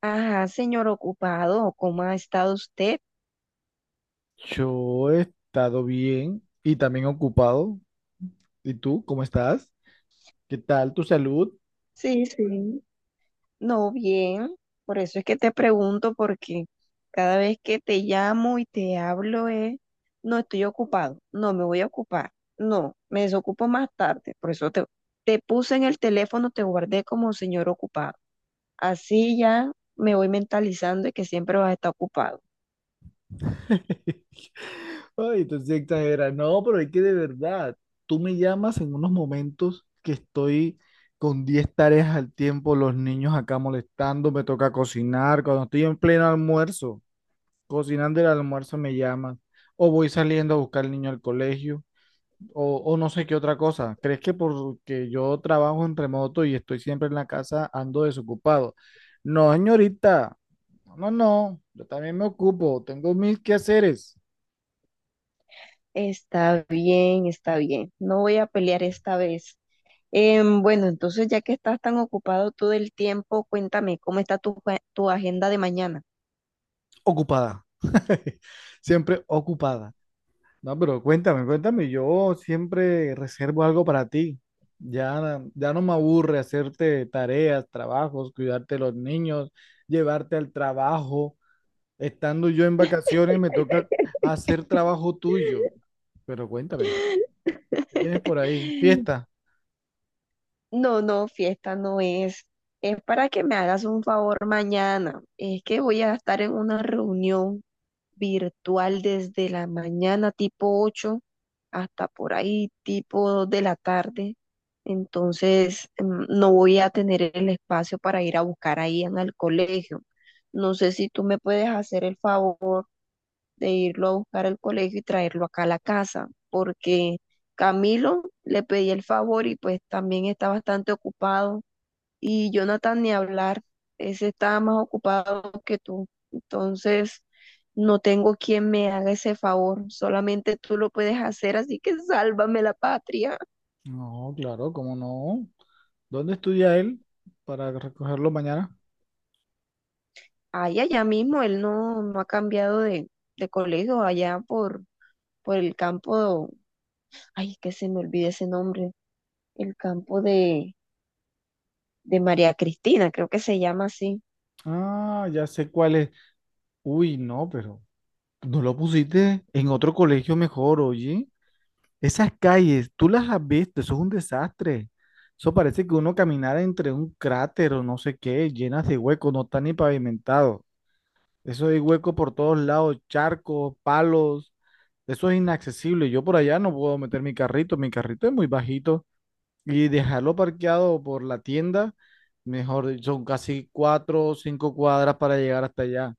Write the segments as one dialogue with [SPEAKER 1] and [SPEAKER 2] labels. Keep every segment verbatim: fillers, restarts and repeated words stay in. [SPEAKER 1] Ajá, señor ocupado, ¿cómo ha estado usted?
[SPEAKER 2] Yo he estado bien y también ocupado. ¿Y tú, cómo estás? ¿Qué tal tu salud?
[SPEAKER 1] Sí, sí. No, bien. Por eso es que te pregunto, porque cada vez que te llamo y te hablo es, no estoy ocupado, no me voy a ocupar, no, me desocupo más tarde. Por eso te, te puse en el teléfono, te guardé como señor ocupado. Así ya me voy mentalizando de que siempre vas a estar ocupado.
[SPEAKER 2] Ay, tú sí exageras. No, pero es que de verdad, tú me llamas en unos momentos que estoy con diez tareas al tiempo, los niños acá molestando, me toca cocinar, cuando estoy en pleno almuerzo, cocinando el almuerzo me llamas, o voy saliendo a buscar al niño al colegio. O, o no sé qué otra cosa. ¿Crees que porque yo trabajo en remoto y estoy siempre en la casa, ando desocupado? No, señorita. No, no, no. Yo también me ocupo. Tengo mil quehaceres.
[SPEAKER 1] Está bien, está bien. No voy a pelear esta vez. Em, bueno, entonces ya que estás tan ocupado todo el tiempo, cuéntame, ¿cómo está tu, jue- tu agenda de mañana?
[SPEAKER 2] Ocupada. Siempre ocupada. No, pero cuéntame, cuéntame. Yo siempre reservo algo para ti. Ya, ya no me aburre hacerte tareas, trabajos, cuidarte de los niños, llevarte al trabajo. Estando yo en vacaciones, me toca hacer trabajo tuyo. Pero cuéntame, ¿qué tienes por ahí? ¿Fiesta?
[SPEAKER 1] No, no, fiesta no es. Es para que me hagas un favor mañana. Es que voy a estar en una reunión virtual desde la mañana tipo ocho hasta por ahí tipo dos de la tarde. Entonces, mm, no voy a tener el espacio para ir a buscar ahí en el colegio. No sé si tú me puedes hacer el favor. De irlo a buscar al colegio y traerlo acá a la casa, porque Camilo le pedí el favor y pues también está bastante ocupado, y Jonathan ni hablar, ese está más ocupado que tú. Entonces, no tengo quien me haga ese favor, solamente tú lo puedes hacer, así que sálvame la patria.
[SPEAKER 2] No, claro, ¿cómo no? ¿Dónde estudia él para recogerlo mañana?
[SPEAKER 1] Ay, allá mismo él no, no ha cambiado de, de colegio, allá por, por el campo, ay, que se me olvide ese nombre, el campo de de María Cristina, creo que se llama así.
[SPEAKER 2] Ah, ya sé cuál es. Uy, no, pero no lo pusiste en otro colegio mejor, oye. Esas calles, tú las has visto, eso es un desastre. Eso parece que uno caminara entre un cráter o no sé qué, llenas de huecos, no está ni pavimentado. Eso hay hueco por todos lados, charcos, palos. Eso es inaccesible. Yo por allá no puedo meter mi carrito. Mi carrito es muy bajito. Y dejarlo parqueado por la tienda, mejor dicho, son casi cuatro o cinco cuadras para llegar hasta allá.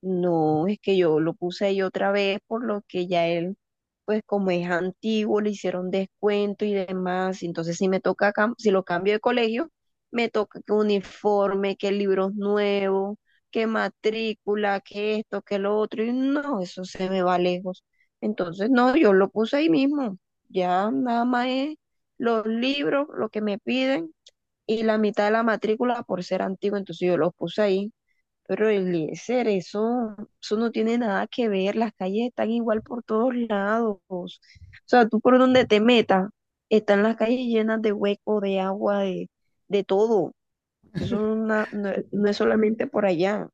[SPEAKER 1] No, es que yo lo puse ahí otra vez, por lo que ya él, pues como es antiguo, le hicieron descuento y demás. Entonces, si me toca, cam- si lo cambio de colegio, me toca que uniforme, que libros nuevos, que matrícula, que esto, que lo otro. Y no, eso se me va lejos. Entonces, no, yo lo puse ahí mismo. Ya nada más es los libros, lo que me piden y la mitad de la matrícula por ser antiguo, entonces yo los puse ahí. Pero el eso, eso no tiene nada que ver, las calles están igual por todos lados. O sea, tú por donde te metas, están las calles llenas de hueco, de agua, de, de todo. Eso no, no no es solamente por allá.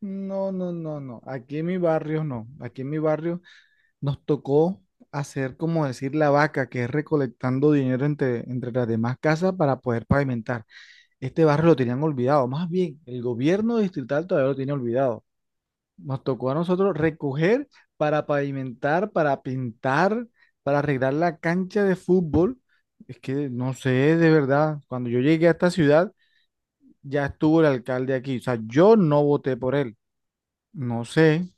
[SPEAKER 2] No, no, no, no. Aquí en mi barrio no. Aquí en mi barrio nos tocó hacer, como decir, la vaca, que es recolectando dinero entre, entre las demás casas para poder pavimentar. Este barrio lo tenían olvidado. Más bien, el gobierno distrital todavía lo tiene olvidado. Nos tocó a nosotros recoger para pavimentar, para pintar, para arreglar la cancha de fútbol. Es que no sé, de verdad, cuando yo llegué a esta ciudad, ya estuvo el alcalde aquí. O sea, yo no voté por él. No sé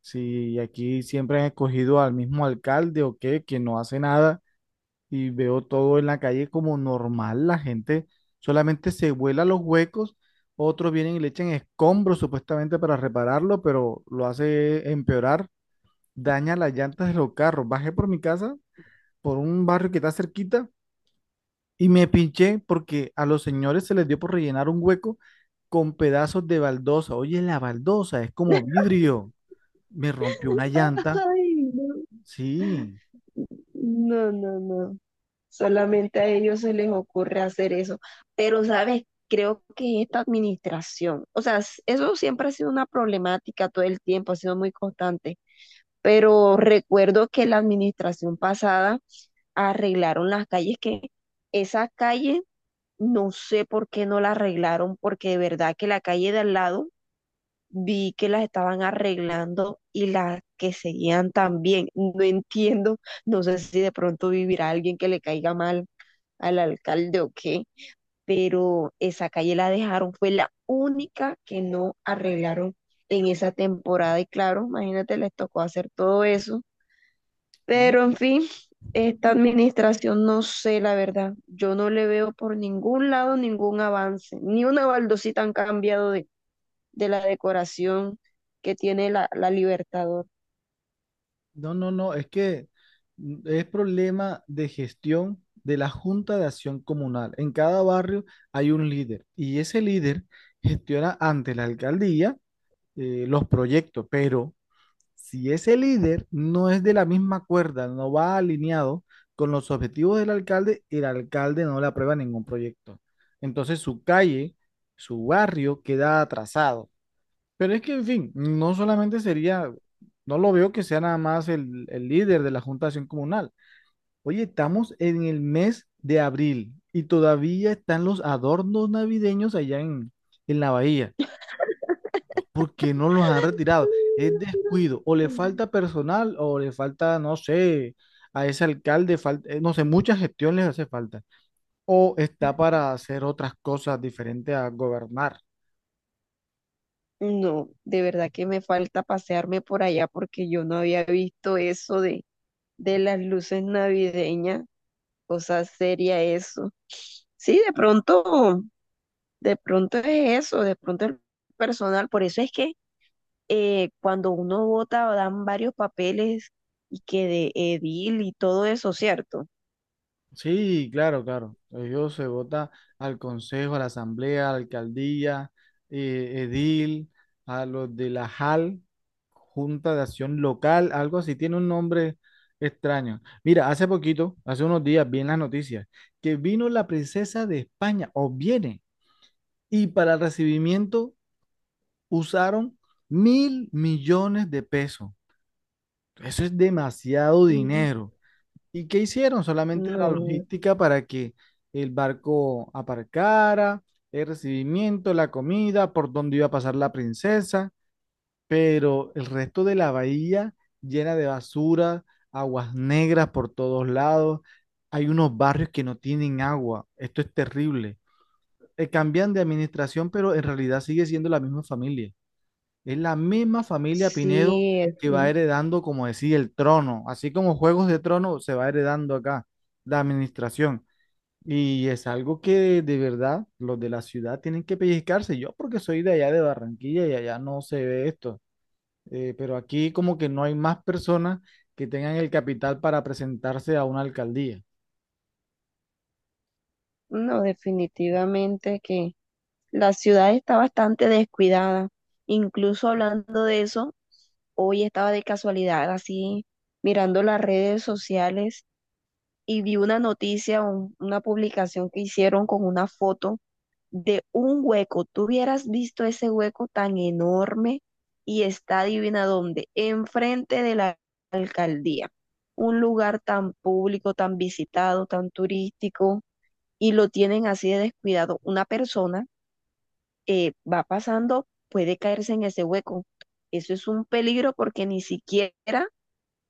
[SPEAKER 2] si aquí siempre han escogido al mismo alcalde o qué, que no hace nada y veo todo en la calle como normal. La gente solamente se vuela los huecos. Otros vienen y le echan escombros supuestamente para repararlo, pero lo hace empeorar daña las llantas de los carros. Bajé por mi casa, por un barrio que está cerquita, y me pinché porque a los señores se les dio por rellenar un hueco con pedazos de baldosa. Oye, la baldosa es como vidrio. Me rompió una llanta.
[SPEAKER 1] Ay, no,
[SPEAKER 2] Sí.
[SPEAKER 1] no, no, no. Solamente a ellos se les ocurre hacer eso. Pero, ¿sabes? Creo que esta administración, o sea, s- eso siempre ha sido una problemática todo el tiempo, ha sido muy constante. Pero recuerdo que la administración pasada arreglaron las calles, que esas calles no sé por qué no la arreglaron, porque de verdad que la calle de al lado vi que las estaban arreglando y las que seguían también. No entiendo, no sé si de pronto vivirá alguien que le caiga mal al alcalde o qué, pero esa calle la dejaron, fue la única que no arreglaron en esa temporada y claro, imagínate, les tocó hacer todo eso,
[SPEAKER 2] No,
[SPEAKER 1] pero en fin, esta administración no sé, la verdad, yo no le veo por ningún lado ningún avance, ni una baldosita han cambiado de, de la decoración que tiene la, la Libertador.
[SPEAKER 2] no, no, no, es que mm, es problema de gestión de la Junta de Acción Comunal. En cada barrio hay un líder y ese líder gestiona ante la alcaldía eh, los proyectos, pero si ese líder no es de la misma cuerda, no va alineado con los objetivos del alcalde, el alcalde no le aprueba ningún proyecto. Entonces su calle, su barrio queda atrasado. Pero es que, en fin, no solamente sería, no lo veo que sea nada más el, el líder de la Junta de Acción Comunal. Oye, estamos en el mes de abril y todavía están los adornos navideños allá en, en la bahía porque no los han retirado. Es descuido, o le falta personal, o le falta, no sé, a ese alcalde, falta, eh, no sé, mucha gestión les hace falta, o está para hacer otras cosas diferentes a gobernar.
[SPEAKER 1] No, de verdad que me falta pasearme por allá porque yo no había visto eso de de las luces navideñas, cosa seria eso. Sí, de pronto, de pronto es eso, de pronto el personal, por eso es que eh, cuando uno vota dan varios papeles y que de edil y todo eso, ¿cierto?
[SPEAKER 2] Sí, claro, claro. Ellos se vota al consejo, a la asamblea, a la alcaldía, eh, edil, a los de la J A L, Junta de Acción Local, algo así, tiene un nombre extraño. Mira, hace poquito, hace unos días, vi en las noticias que vino la princesa de España, o viene, y para el recibimiento usaron mil millones de pesos. Eso es demasiado dinero. ¿Y qué hicieron? Solamente la
[SPEAKER 1] No,
[SPEAKER 2] logística para que el barco aparcara, el recibimiento, la comida, por dónde iba a pasar la princesa, pero el resto de la bahía llena de basura, aguas negras por todos lados. Hay unos barrios que no tienen agua. Esto es terrible. Eh, cambian de administración, pero en realidad sigue siendo la misma familia. Es la misma familia Pinedo
[SPEAKER 1] sí,
[SPEAKER 2] que va
[SPEAKER 1] eso.
[SPEAKER 2] heredando, como decía, el trono. Así como Juegos de Trono se va heredando acá, la administración. Y es algo que de, de verdad los de la ciudad tienen que pellizcarse. Yo porque soy de allá de Barranquilla y allá no se ve esto. Eh, pero aquí como que no hay más personas que tengan el capital para presentarse a una alcaldía.
[SPEAKER 1] No, definitivamente que la ciudad está bastante descuidada. Incluso hablando de eso, hoy estaba de casualidad así mirando las redes sociales y vi una noticia, un- una publicación que hicieron con una foto de un hueco. Tú hubieras visto ese hueco tan enorme y está adivina dónde, enfrente de la alcaldía. Un lugar tan público, tan visitado, tan turístico, y lo tienen así de descuidado. Una persona eh, va pasando, puede caerse en ese hueco. Eso es un peligro porque ni siquiera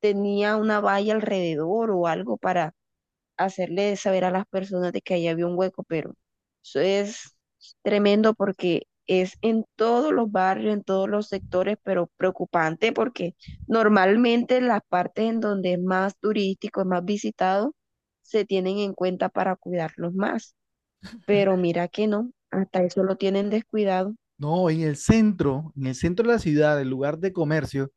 [SPEAKER 1] tenía una valla alrededor o algo para hacerle saber a las personas de que ahí había un hueco, pero eso es tremendo porque es en todos los barrios, en todos los sectores, pero preocupante porque normalmente las partes en donde es más turístico, es más visitado, se tienen en cuenta para cuidarlos más, pero mira que no, hasta eso lo tienen descuidado.
[SPEAKER 2] No, en el centro, en el centro de la ciudad, el lugar de comercio.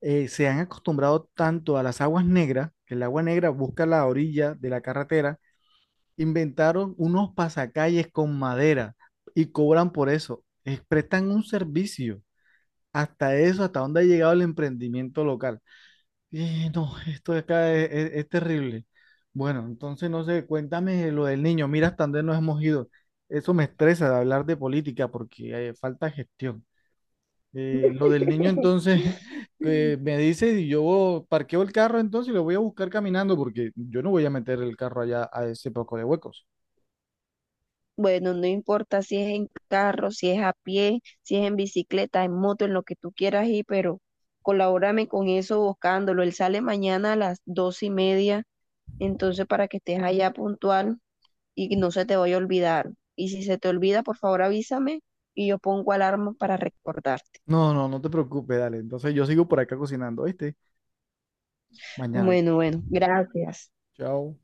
[SPEAKER 2] eh, Se han acostumbrado tanto a las aguas negras, que el agua negra busca la orilla de la carretera, inventaron unos pasacalles con madera y cobran por eso. Eh, prestan un servicio. Hasta eso, hasta dónde ha llegado el emprendimiento local. Y no, esto de acá es, es- es terrible. Bueno, entonces no sé, cuéntame lo del niño. Mira hasta dónde nos hemos ido. Eso me estresa de hablar de política porque eh, falta gestión. Eh, lo del niño entonces que me dice y yo parqueo el carro entonces y lo voy a buscar caminando porque yo no voy a meter el carro allá a ese poco de huecos.
[SPEAKER 1] Bueno, no importa si es en carro, si es a pie, si es en bicicleta, en moto, en lo que tú quieras ir, pero colabórame con eso buscándolo. Él sale mañana a las dos y media, entonces para que estés allá puntual y no se te vaya a olvidar. Y si se te olvida, por favor avísame y yo pongo alarma para recordarte.
[SPEAKER 2] No, no, no te preocupes, dale. Entonces yo sigo por acá cocinando, ¿viste? Mañana.
[SPEAKER 1] Bueno, bueno, gracias.
[SPEAKER 2] Chao.